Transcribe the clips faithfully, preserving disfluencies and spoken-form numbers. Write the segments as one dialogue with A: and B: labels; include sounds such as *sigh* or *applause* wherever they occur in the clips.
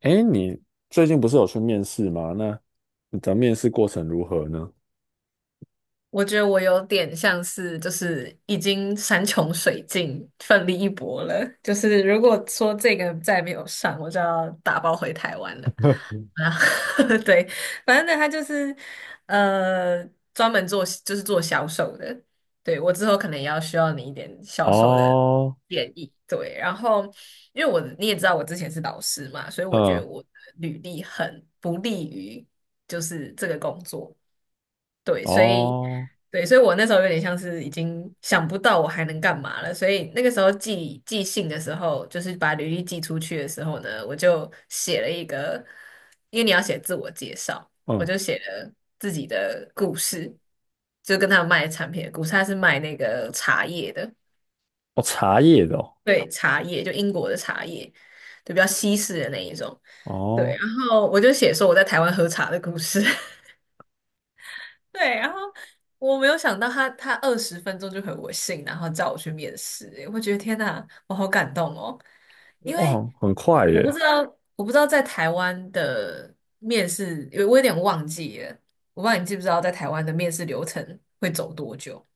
A: 哎，你最近不是有去面试吗？那你的面试过程如何呢？
B: 我觉得我有点像是，就是已经山穷水尽，奋力一搏了。就是如果说这个再没有上，我就要打包回台湾了。
A: *laughs*
B: 啊，*laughs* 对，反正呢，他就是呃，专门做就是做销售的。对，我之后可能也要需要你一点销售的
A: 哦，
B: 建议。对，然后因为我你也知道我之前是老师嘛，所以我觉
A: 嗯，
B: 得我的履历很不利于就是这个工作。对，所以
A: 哦，
B: 对，所以我那时候有点像是已经想不到我还能干嘛了，所以那个时候寄寄信的时候，就是把履历寄出去的时候呢，我就写了一个，因为你要写自我介绍，我
A: 嗯，
B: 就写了自己的故事，就跟他卖产品的故事，他是卖那个茶叶的，
A: 哦，茶叶的哦，
B: 对，茶叶就英国的茶叶，就比较西式的那一种，对，
A: 哦，
B: 然后我就写说我在台湾喝茶的故事。*laughs* 对，然后我没有想到他他二十分钟就回我信，然后叫我去面试，我觉得天哪，我好感动哦，因为
A: 哇，很快
B: 我不
A: 耶！
B: 知道我不知道在台湾的面试，因为我有点忘记了，我不知道你记不知道在台湾的面试流程会走多久，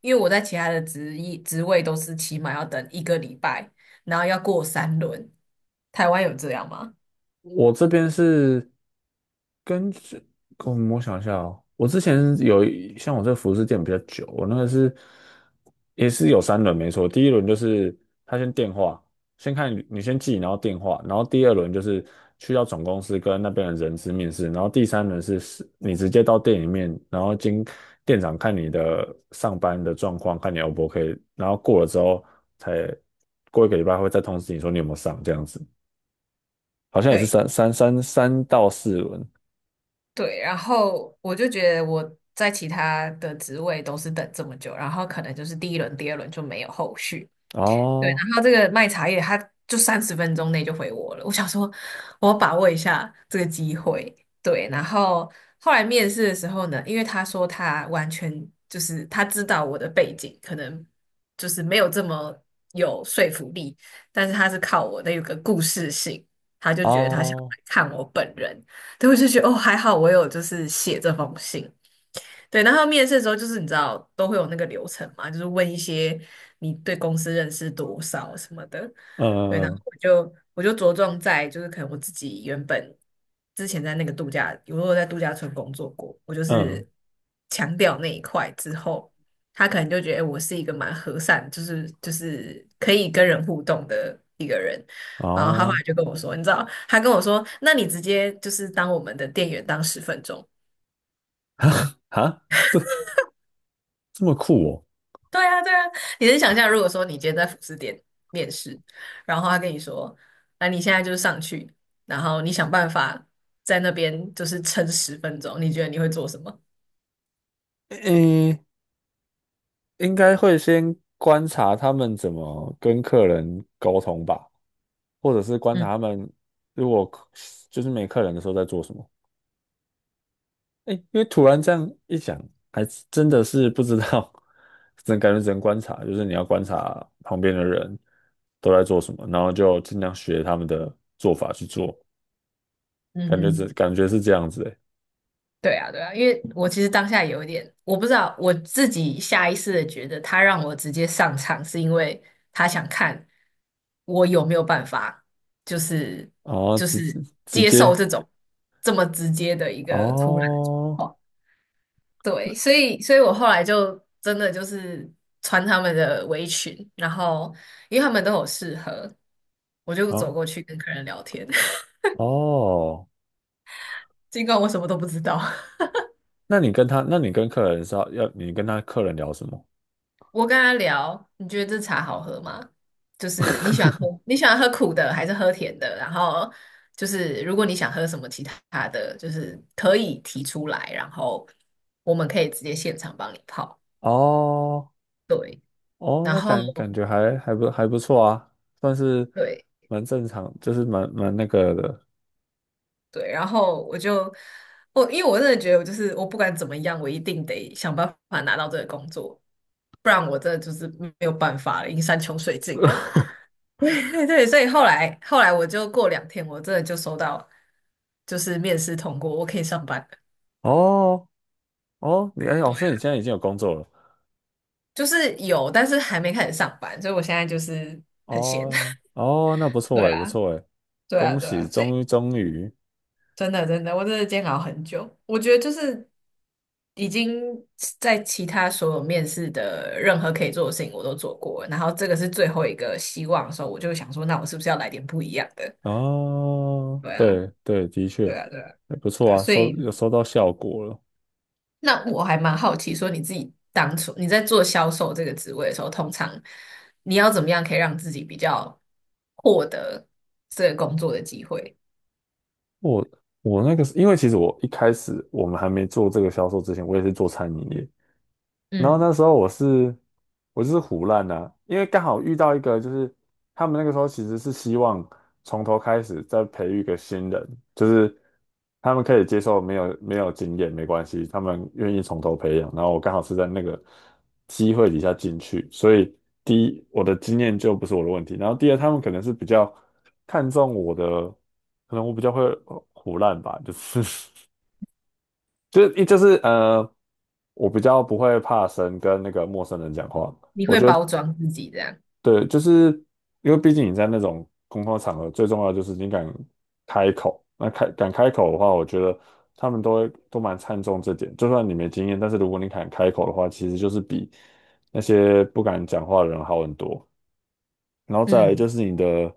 B: 因为我在其他的职业职位都是起码要等一个礼拜，然后要过三轮，台湾有这样吗？
A: 我这边是根据，嗯，我想一下哦。我之前有一像我这个服饰店比较久，我那个是也是有三轮没错。第一轮就是他先电话，先看你你先记，然后电话。然后第二轮就是去到总公司跟那边的人资面试。然后第三轮是是你直接到店里面，然后经店长看你的上班的状况，看你 O 不 OK，然后过了之后才过一个礼拜会再通知你说你有没有上这样子。好像也是
B: 对。
A: 三三三三到四轮。
B: 对，然后我就觉得我在其他的职位都是等这么久，然后可能就是第一轮、第二轮就没有后续，对，
A: 哦
B: 然后这个卖茶叶他就三十分钟内就回我了，我想说我要把握一下这个机会。对，然后后来面试的时候呢，因为他说他完全就是他知道我的背景，可能就是没有这么有说服力，但是他是靠我的有个故事性，他就觉得他想
A: 哦，
B: 来看我本人，对，我就觉得哦还好我有就是写这封信。对，然后面试的时候就是你知道都会有那个流程嘛，就是问一些你对公司认识多少什么的，对，然后
A: 嗯
B: 我就我就着重在就是可能我自己原本之前在那个度假，我有在度假村工作过，我就
A: 嗯
B: 是强调那一块之后，他可能就觉得诶我是一个蛮和善，就是就是可以跟人互动的一个人，然后他后
A: 哦，
B: 来就跟我说，你知道，他跟我说，那你直接就是当我们的店员当十分钟。
A: 哈，这么酷哦。
B: 对啊，对啊，你能想象，如果说你今天在服饰店面试，然后他跟你说，那你现在就是上去，然后你想办法在那边就是撑十分钟，你觉得你会做什么？
A: 诶，应该会先观察他们怎么跟客人沟通吧，或者是观察
B: 嗯
A: 他们如果客就是没客人的时候在做什么。哎，因为突然这样一想，还真的是不知道，只能感觉只能观察。就是你要观察旁边的人都在做什么，然后就尽量学他们的做法去做。
B: 嗯
A: 感觉这
B: 哼，
A: 感觉是这样子诶。
B: 对啊，对啊，因为我其实当下有一点，我不知道我自己下意识的觉得他让我直接上场，是因为他想看我有没有办法，就是
A: 哦，
B: 就
A: 直
B: 是
A: 直
B: 接
A: 接
B: 受这种这么直接的一个突然的
A: 哦，
B: 状况。对，所以所以我后来就真的就是穿他们的围裙，然后因为他们都有适合，我就走
A: 哦
B: 过去跟客人聊天，*laughs*
A: 哦，
B: 尽管我什么都不知道。
A: 那你跟他，那你跟客人是要要你跟他客人聊什么？
B: 我跟他聊，你觉得这茶好喝吗？就是
A: *laughs*
B: 你喜欢喝你喜欢喝苦的还是喝甜的？然后就是如果你想喝什么其他的，就是可以提出来，然后我们可以直接现场帮你泡。
A: 哦
B: 对，
A: 哦，
B: 然
A: 那
B: 后
A: 感感觉还还不还不错啊，算是
B: 对，
A: 蛮正常，就是蛮蛮那个的。
B: 对，然后我就我，因为我真的觉得，我就是我不管怎么样，我一定得想办法拿到这个工作，不然我真的就是没有办法了，已经山穷水尽了。*laughs* 对对所以后来后来我就过两天，我真的就收到，就是面试通过，我可以上班了。
A: 哦哦，你哎哦，
B: 对，
A: 所以你现在已经有工作了。
B: 就是有，但是还没开始上班，所以我现在就是很闲。
A: 哦
B: *laughs*
A: 哦，那不错
B: 对
A: 哎，不
B: 啊，
A: 错哎，
B: 对啊，
A: 恭
B: 对啊，
A: 喜，
B: 所以。
A: 终于终于。
B: 真的真的，我真的煎熬很久。我觉得就是已经在其他所有面试的任何可以做的事情我都做过了然后这个是最后一个希望的时候，我就想说，那我是不是要来点不一样的？
A: 哦，
B: 对啊，
A: 对对，的确，
B: 对啊，对啊，
A: 哎，不
B: 对
A: 错
B: 啊。
A: 啊，
B: 所
A: 收
B: 以
A: 有收到效果了。
B: 那我还蛮好奇，说你自己当初你在做销售这个职位的时候，通常你要怎么样可以让自己比较获得这个工作的机会？
A: 我我那个是因为其实我一开始我们还没做这个销售之前，我也是做餐饮业。然后
B: 嗯，
A: 那时候我是我就是胡乱的因为刚好遇到一个，就是他们那个时候其实是希望从头开始再培育一个新人，就是他们可以接受没有没有经验没关系，他们愿意从头培养。然后我刚好是在那个机会底下进去，所以第一我的经验就不是我的问题。然后第二他们可能是比较看重我的，可能我比较会胡乱吧，就是 *laughs* 就是一就是呃，我比较不会怕生，跟那个陌生人讲话。
B: 你
A: 我
B: 会
A: 觉得
B: 包装自己这样？
A: 对，就是因为毕竟你在那种公共场合，最重要的就是你敢开口。那开敢开口的话，我觉得他们都会都蛮看重这点。就算你没经验，但是如果你敢开口的话，其实就是比那些不敢讲话的人好很多。然后再来
B: 嗯
A: 就是你的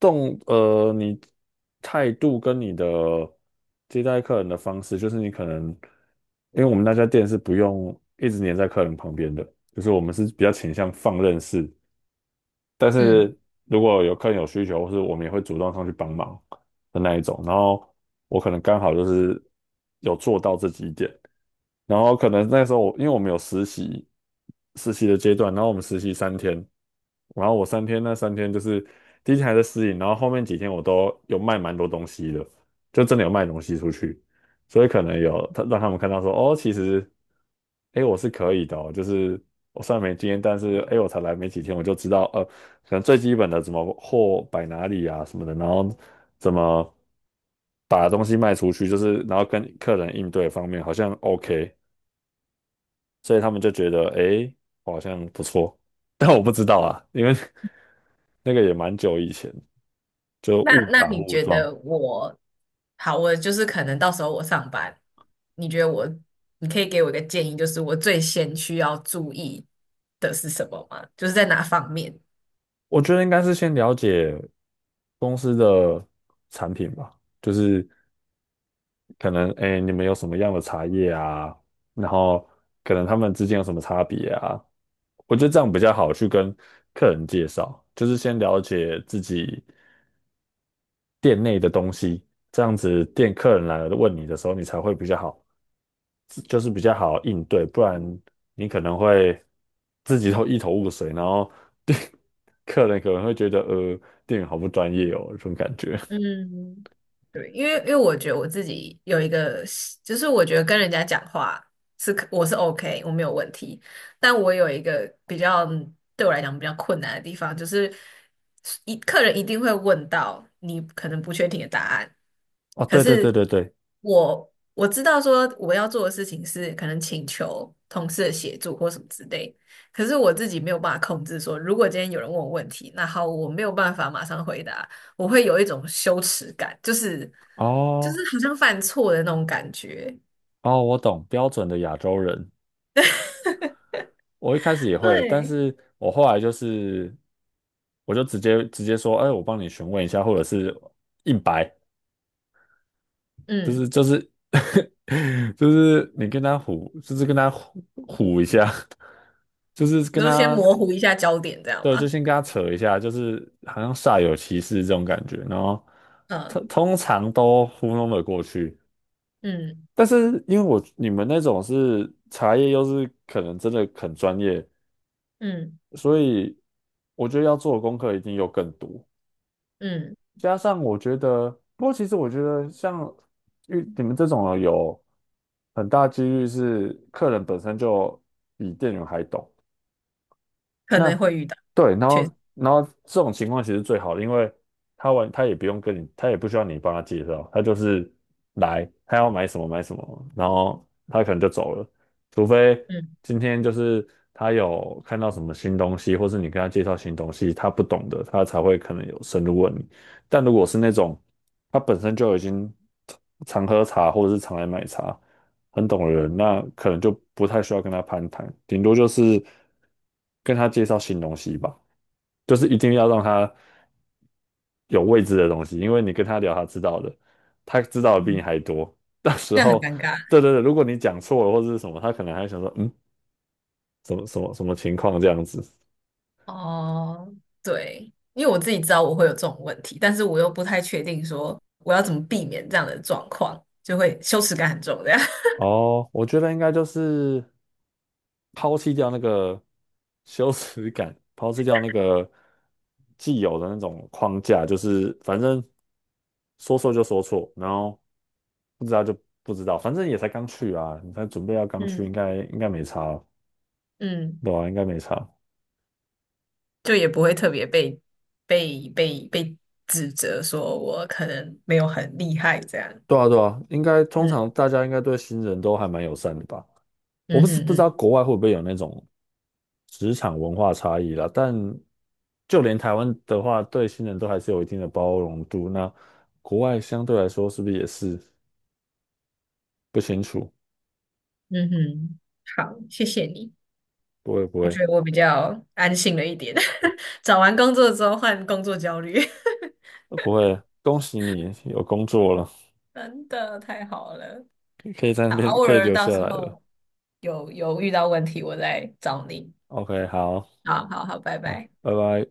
A: 动，呃，你态度跟你的接待客人的方式，就是你可能。因为我们那家店是不用一直黏在客人旁边的，就是我们是比较倾向放任式，但
B: 嗯。
A: 是如果有客人有需求，或是我们也会主动上去帮忙的那一种。然后我可能刚好就是有做到这几点。然后可能那时候我因为我们有实习，实习的阶段，然后我们实习三天，然后我三天那三天就是第一天还在适应，然后后面几天我都有卖蛮多东西的，就真的有卖东西出去。所以可能有他让他们看到说哦，其实。哎，诶我是可以的哦就是我虽然没经验，但是哎，诶我才来没几天，我就知道，呃。可能最基本的怎么货摆哪里啊什么的，然后怎么把东西卖出去。就是然后跟客人应对方面好像 OK，所以他们就觉得诶，好像不错。但我不知道啊，因为 *laughs* 那个也蛮久以前，就
B: 那
A: 误
B: 那
A: 打
B: 你
A: 误
B: 觉
A: 撞。
B: 得我好？我就是可能到时候我上班，你觉得我，你可以给我一个建议，就是我最先需要注意的是什么吗？就是在哪方面？
A: 我觉得应该是先了解公司的产品吧，就是可能哎诶，你们有什么样的茶叶啊，然后可能他们之间有什么差别啊。我觉得这样比较好去跟客人介绍，就是先了解自己店内的东西。这样子店客人来了问你的时候，你才会比较好，就是比较好应对。不然你可能会自己都一头雾水。然后店 *laughs* 客人可能会觉得呃店员好不专业哦，这种感觉。
B: 嗯，对，因为因为我觉得我自己有一个习就是我觉得跟人家讲话是可我是 OK，我没有问题，但我有一个比较对我来讲比较困难的地方，就是一客人一定会问到你可能不确定的答案，
A: 哦，
B: 可
A: 对对对
B: 是
A: 对对，
B: 我我知道说我要做的事情是可能请求同事的协助或什么之类，可是我自己没有办法控制说，如果今天有人问我问题，那好，我没有办法马上回答。我会有一种羞耻感，就是就是
A: 哦
B: 好像犯错的那种感觉。
A: 哦，我懂，标准的亚洲人。我一开始也会，但
B: 对，
A: 是我后来就是，我就直接直接说，哎，我帮你询问一下，或者是硬白，就是
B: 嗯，
A: 就是 *laughs* 就是你跟他唬，就是跟他唬唬一下，*laughs* 就是
B: 你
A: 跟
B: 就先
A: 他，
B: 模糊一下焦点，这样
A: 对，就
B: 吗？
A: 先跟他扯一下，就是好像煞有其事这种感觉。然后
B: 嗯
A: 通通常都糊弄了过去。
B: 嗯
A: 但是因为我你们那种是茶叶，又是可能真的很专业。
B: 嗯
A: 所以我觉得要做的功课一定又更多。
B: 嗯，
A: 加上我觉得，不过其实我觉得像遇你们这种有很大几率是客人本身就比店员还懂。
B: 可能
A: 那
B: 会遇到，
A: 对，然
B: 确实，
A: 后然后这种情况其实最好的，因为他完他也不用跟你，他也不需要你帮他介绍。他就是来，他要买什么买什么，然后他可能就走了。除非
B: 嗯
A: 今天就是他有看到什么新东西，或是你跟他介绍新东西，他不懂的，他才会可能有深入问你。但如果是那种他本身就已经常喝茶或者是常来买茶，很懂的人，那可能就不太需要跟他攀谈。顶多就是跟他介绍新东西吧，就是一定要让他有未知的东西。因为你跟他聊他知道的，他知道的比你
B: 嗯，
A: 还多。*laughs* 到时
B: 这样很
A: 候，
B: 尴尬。
A: 对对对，如果你讲错了或者是什么，他可能还想说，嗯，什么什么什么情况这样子。
B: 哦，对，因为我自己知道我会有这种问题，但是我又不太确定说我要怎么避免这样的状况，就会羞耻感很重，这样。
A: 哦，我觉得应该就是抛弃掉那个羞耻感，*laughs* 抛弃掉那个既有的那种框架，就是反正说错就说错，然后不知道就不知道。反正也才刚去啊，你才准备要
B: *laughs*
A: 刚去，应
B: 嗯
A: 该应该没差。
B: 嗯。
A: 对啊，应该没差。
B: 就也不会特别被被被被指责说我可能没有很厉害这样。
A: 对啊对啊，应该通常
B: 嗯
A: 大家应该对新人都还蛮友善的吧。我不
B: 嗯
A: 是
B: 哼
A: 不知道
B: 嗯
A: 国外会不会有那种职场文化差异啦。但就连台湾的话，对新人都还是有一定的包容度。那国外相对来说是不是也是不清楚？
B: 嗯哼，好，谢谢你，
A: 不会不
B: 我
A: 会
B: 觉得我比较安心了一点。*laughs* 找完工作之后换工作焦虑，
A: 呃不会，恭喜你有工作了，
B: *laughs* 真的太好了。
A: 可以在那
B: 好，
A: 边
B: 偶
A: 可以
B: 尔
A: 留
B: 到
A: 下
B: 时
A: 来了。
B: 候有有遇到问题我再找你。
A: OK，好
B: 好好好，拜
A: 啊，
B: 拜。
A: 拜拜。